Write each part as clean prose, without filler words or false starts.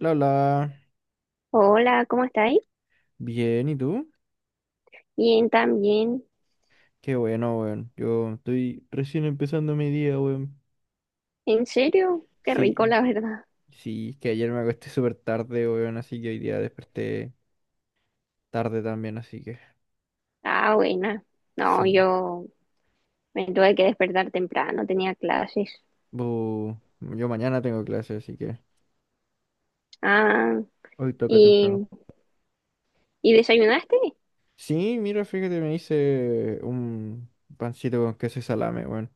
La, la. Hola, ¿cómo estáis? Bien, ¿y tú? Bien, también. Qué bueno, weón. Yo estoy recién empezando mi día, weón. ¿En serio? Qué rico, Sí, la verdad. sí, es que ayer me acosté súper tarde, weón, así que hoy día desperté tarde también, así que Ah, buena. No, sí. yo me tuve que despertar temprano, tenía clases. Bu, yo mañana tengo clase, así que Ah, hoy toca temprano. ¿y, y desayunaste? Sí, mira, fíjate, me hice un pancito con queso y salame, weón.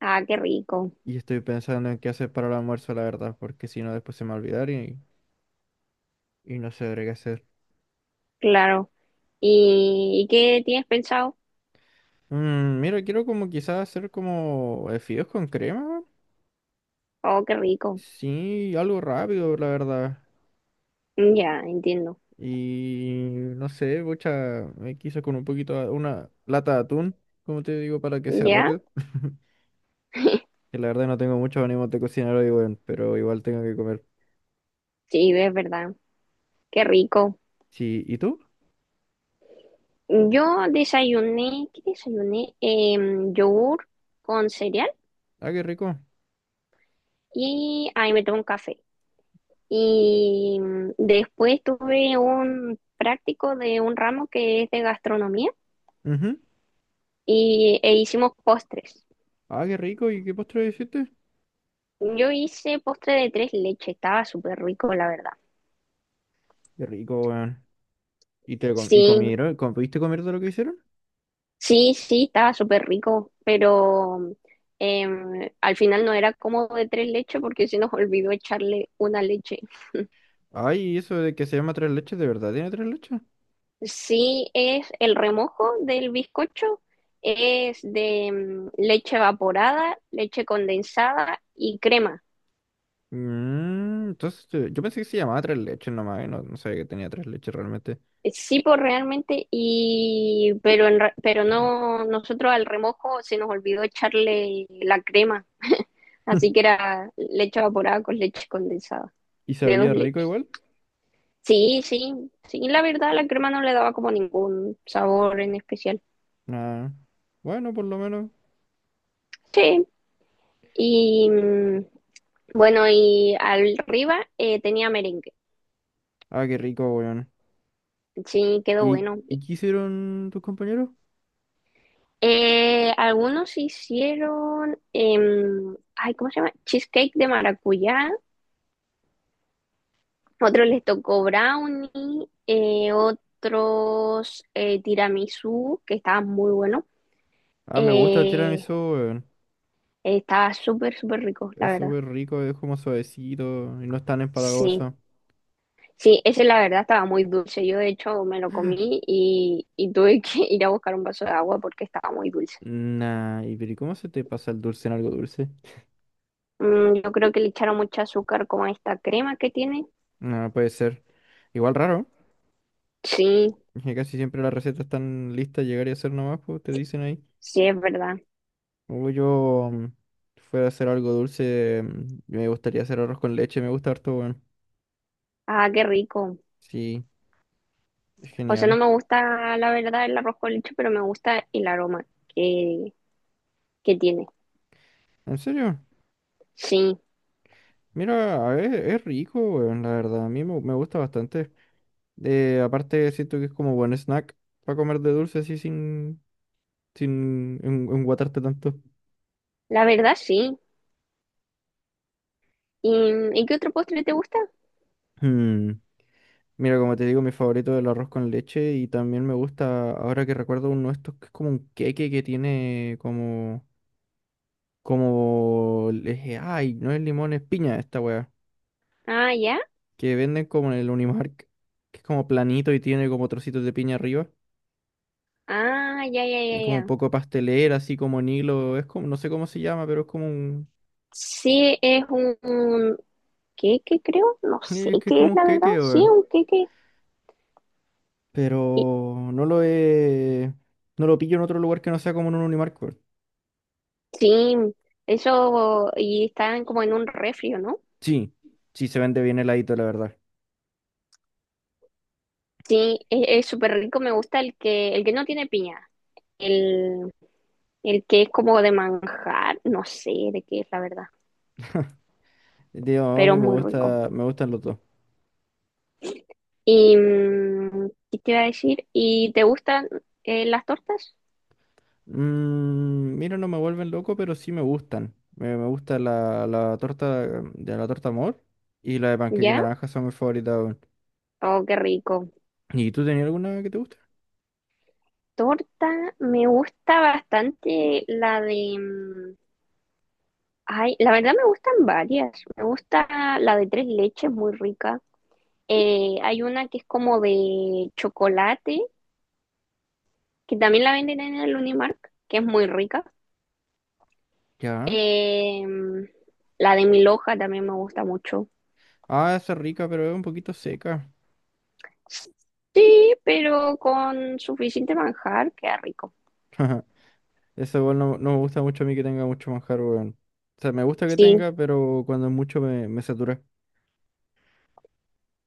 Ah, qué rico, Y estoy pensando en qué hacer para el almuerzo, la verdad, porque si no después se me va a olvidar y no sabré qué hacer. claro. ¿Y qué tienes pensado? Mm, mira, quiero como quizás hacer como fideos con crema. Oh, qué rico. Sí, algo rápido, la verdad. Ya, entiendo. Y no sé, mucha, quizás con un poquito, una lata de atún, como te digo, para que sea ¿Ya? rápido. Que la verdad no tengo mucho ánimo de cocinar hoy, weón, pero igual tengo que comer. Sí, es verdad. Qué rico. Sí, ¿y tú? Yo desayuné, ¿qué desayuné? Yogur con cereal Ah, qué rico. y ahí me tomé un café. Y después tuve un práctico de un ramo que es de gastronomía Ujú. E hicimos postres. Ah, qué rico. ¿Y qué postre hiciste? Yo hice postre de tres leches, estaba súper rico, la verdad. Qué rico, weón. ¿Y Sí, comieron? ¿Pudiste comer de lo que hicieron? sí, sí, estaba súper rico, pero al final no era como de tres leches porque se nos olvidó echarle una leche. Ay, ¿y eso de que se llama tres leches, de verdad tiene tres leches? Sí, es el remojo del bizcocho, es de leche evaporada, leche condensada y crema. Mm, entonces yo pensé que se llamaba tres leches nomás, y no, no sabía que tenía tres leches realmente. Sí, pues realmente, pero no, nosotros al remojo se nos olvidó echarle la crema, así que era leche evaporada con leche condensada, ¿Y de dos sabía rico leches. igual? Sí, sí, sí, la verdad la crema no le daba como ningún sabor en especial. Nah. Bueno, por lo menos. Sí, y mm, bueno, y arriba tenía merengue, Ah, qué rico, weón. sí, quedó ¿Y, bueno. y qué hicieron tus compañeros? Algunos hicieron, ay, ¿cómo se llama? Cheesecake de maracuyá. Otros les tocó brownie, otros tiramisú, que estaban muy buenos. Ah, me gusta el Eh, tiramisú, weón. estaba súper rico, la Es verdad. súper rico, es como suavecito y no es tan Sí, empalagoso. sí, ese la verdad estaba muy dulce. Yo de hecho me lo comí y tuve que ir a buscar un vaso de agua porque estaba muy dulce. Nah, pero ¿y cómo se te pasa el dulce en algo dulce? Mm, yo creo que le echaron mucho azúcar como a esta crema que tiene. No puede ser. Igual raro, Sí, que casi siempre las recetas están listas, llegar y hacer nomás, pues te dicen ahí. sí, es verdad. Uy, yo mm, si fuera a hacer algo dulce, mm, me gustaría hacer arroz con leche, me gusta harto, weón. Ah, qué rico. Sí, es O sea, no genial. me gusta la verdad el arroz con leche, pero me gusta el aroma que, que tiene. En serio, Sí, mira, a ver, es rico, weón, la verdad, me gusta bastante. Aparte, siento que es como buen snack para comer de dulce así sin, enguatarte tanto. la verdad sí. ¿Y, ¿y qué otro postre te gusta? Hmm, mira, como te digo, mi favorito es el arroz con leche y también me gusta, ahora que recuerdo uno de estos que es como un queque que tiene como... Como le dije, ay, no es limón, es piña esta weá. Ah, ya. Que venden como en el Unimark, que es como planito y tiene como trocitos de piña arriba. Ah, ya, ya, ya, Y como un ya. poco pastelera, así como en hilo. Es como, no sé cómo se llama, pero es como un. Sí, es un queque, creo. No sé Es que es qué como es un la verdad. queque, Sí, weón. un queque. Y- Pero no lo he. No lo pillo en otro lugar que no sea como en un Unimark, weón. sí, eso. Y están como en un refrio, ¿no? Sí, sí se vende bien heladito, la verdad. Sí, e, es súper rico. Me gusta el que no tiene piña. El, el que es como de manjar. No sé de qué es la verdad. Digo, a Pero mí es me muy rico. gusta, me gustan los dos. ¿Y qué te iba a decir? ¿Y te gustan las tortas? Mm, mira, no me vuelven loco, pero sí me gustan. Me gusta la torta de la torta amor y la de panqueque ¿Ya? naranja son mis favoritas, weón. Oh, qué rico. ¿Y tú tenías alguna que te guste? Torta, me gusta bastante la de... ay, la verdad me gustan varias. Me gusta la de tres leches, muy rica. Hay una que es como de chocolate, que también la venden en el Unimark, que es muy rica. Ya. Eh, mm, la de mil hoja también me gusta mucho. Ah, esa es rica, pero es un poquito seca. Sí, pero con suficiente manjar, queda rico. Esa igual no, no me gusta mucho a mí que tenga mucho manjar, weón. O sea, me gusta que Sí, tenga, pero cuando es mucho me satura.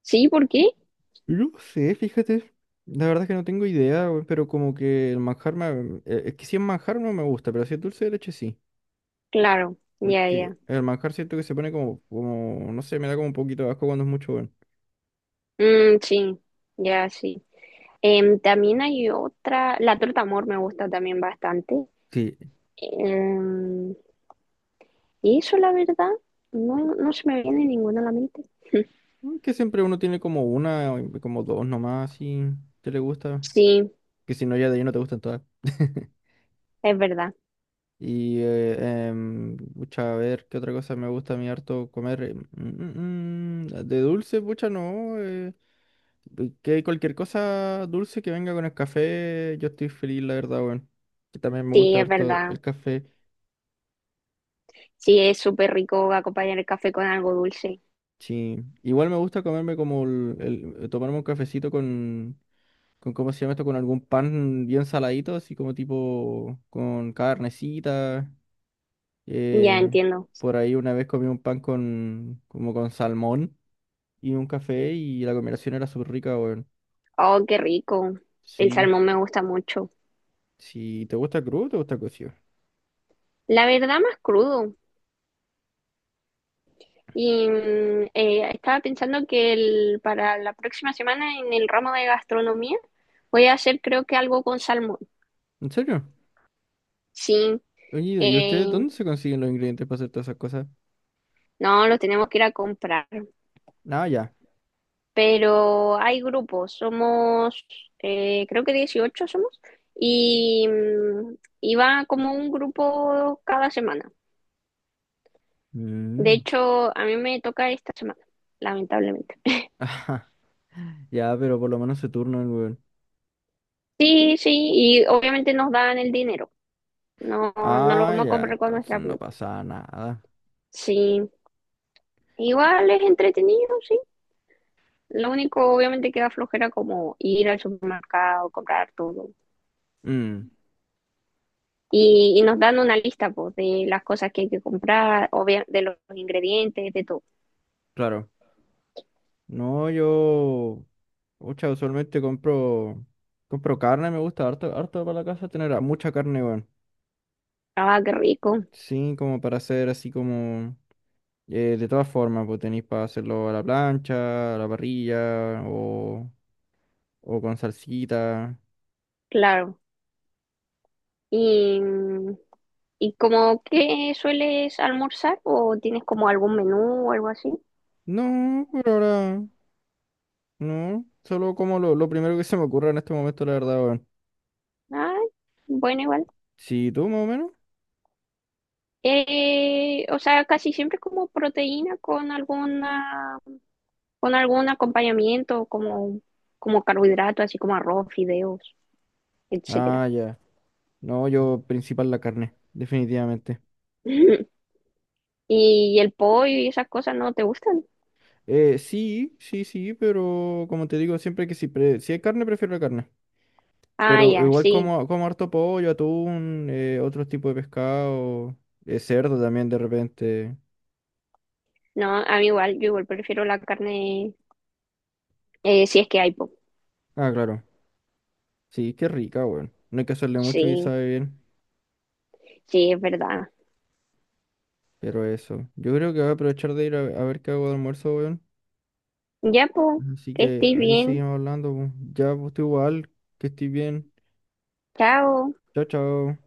sí, ¿por qué? No sé, fíjate. La verdad es que no tengo idea, weón, pero como que el manjar me... Es que si es manjar no me gusta, pero si es dulce de leche sí. Claro, ya, Porque ya. el manjar siento que se pone como, no sé, me da como un poquito de asco cuando es mucho, weón. Mm, sí, ya, sí. Em, también hay otra, la torta amor me gusta también bastante. Sí, Em, y eso, la verdad, no se me viene ninguna a la mente. que siempre uno tiene como una, o como dos nomás, si te le gusta. Sí, Que si no, ya de ahí no te gustan todas. es verdad, Y, pucha, a ver, ¿qué otra cosa me gusta a mí harto comer? De dulce, pucha, no. Que cualquier cosa dulce que venga con el café, yo estoy feliz, la verdad, weón. Que también me sí, gusta es harto el verdad. café. Sí, es súper rico acompañar el café con algo dulce. Sí, igual me gusta comerme como tomarme un cafecito con, ¿cómo se llama esto? Con algún pan bien saladito, así como tipo con carnecita. Ya eh, entiendo. por ahí una vez comí un pan con, como con salmón y un café y la combinación era súper rica, weón. Oh, qué rico. El Sí, salmón me gusta mucho. sí, ¿te gusta crudo o te gusta cocido? La verdad, más crudo. Y estaba pensando para la próxima semana en el ramo de gastronomía voy a hacer creo que algo con salmón. ¿En serio? Sí, Oye, ¿y ustedes eh, dónde se consiguen los ingredientes para hacer todas esas cosas? no, los tenemos que ir a comprar, No, ya. pero hay grupos, somos, creo que 18 somos, y va como un grupo cada semana. De Mm. hecho, a mí me toca esta semana, lamentablemente. Ajá, ya, pero por lo menos se turnan, weón. Sí, sí, y obviamente nos dan el dinero, no, no lo Ah, vamos a ya, comprar con entonces nuestra no plata. pasaba nada. Sí, igual es entretenido, sí. Lo único, obviamente, que da flojera como ir al supermercado, comprar todo. Mm, Y y nos dan una lista pues, de las cosas que hay que comprar, de los ingredientes, de todo. claro. No, yo. Pucha, usualmente compro. Compro carne, me gusta harto, harto para la casa tener mucha carne, weón. Ah, qué rico, Sí, como para hacer así como. De todas formas, pues tenéis para hacerlo a la plancha, a la parrilla, o con salsita. claro. ¿Y y como que sueles almorzar o tienes como algún menú o algo así? No, por ahora. No, solo como lo primero que se me ocurra en este momento, la verdad, weón. Ah, bueno, igual. Sí, tú más o menos. O sea, casi siempre como proteína con algún acompañamiento, como carbohidrato, así como arroz, fideos, etcétera. Ah, ya. No, yo principal la carne, definitivamente. Y el pollo y esas cosas no te gustan. Sí, pero como te digo, siempre que si, si hay carne, prefiero la carne. Ah, Pero ya, igual sí. como, como harto pollo, atún, otros tipos de pescado, cerdo también de repente. No, a mí igual, yo igual prefiero la carne, si es que hay, po. Ah, claro. Sí, qué rica, weón. No hay que hacerle mucho y Sí, sabe bien. sí, es verdad. Pero eso. Yo creo que voy a aprovechar de ir a ver qué hago de almuerzo, weón. Ya, po, Así que que estés ahí bien. seguimos hablando, po. Ya, pues tú igual, que estés bien. Chao. Chao, chao.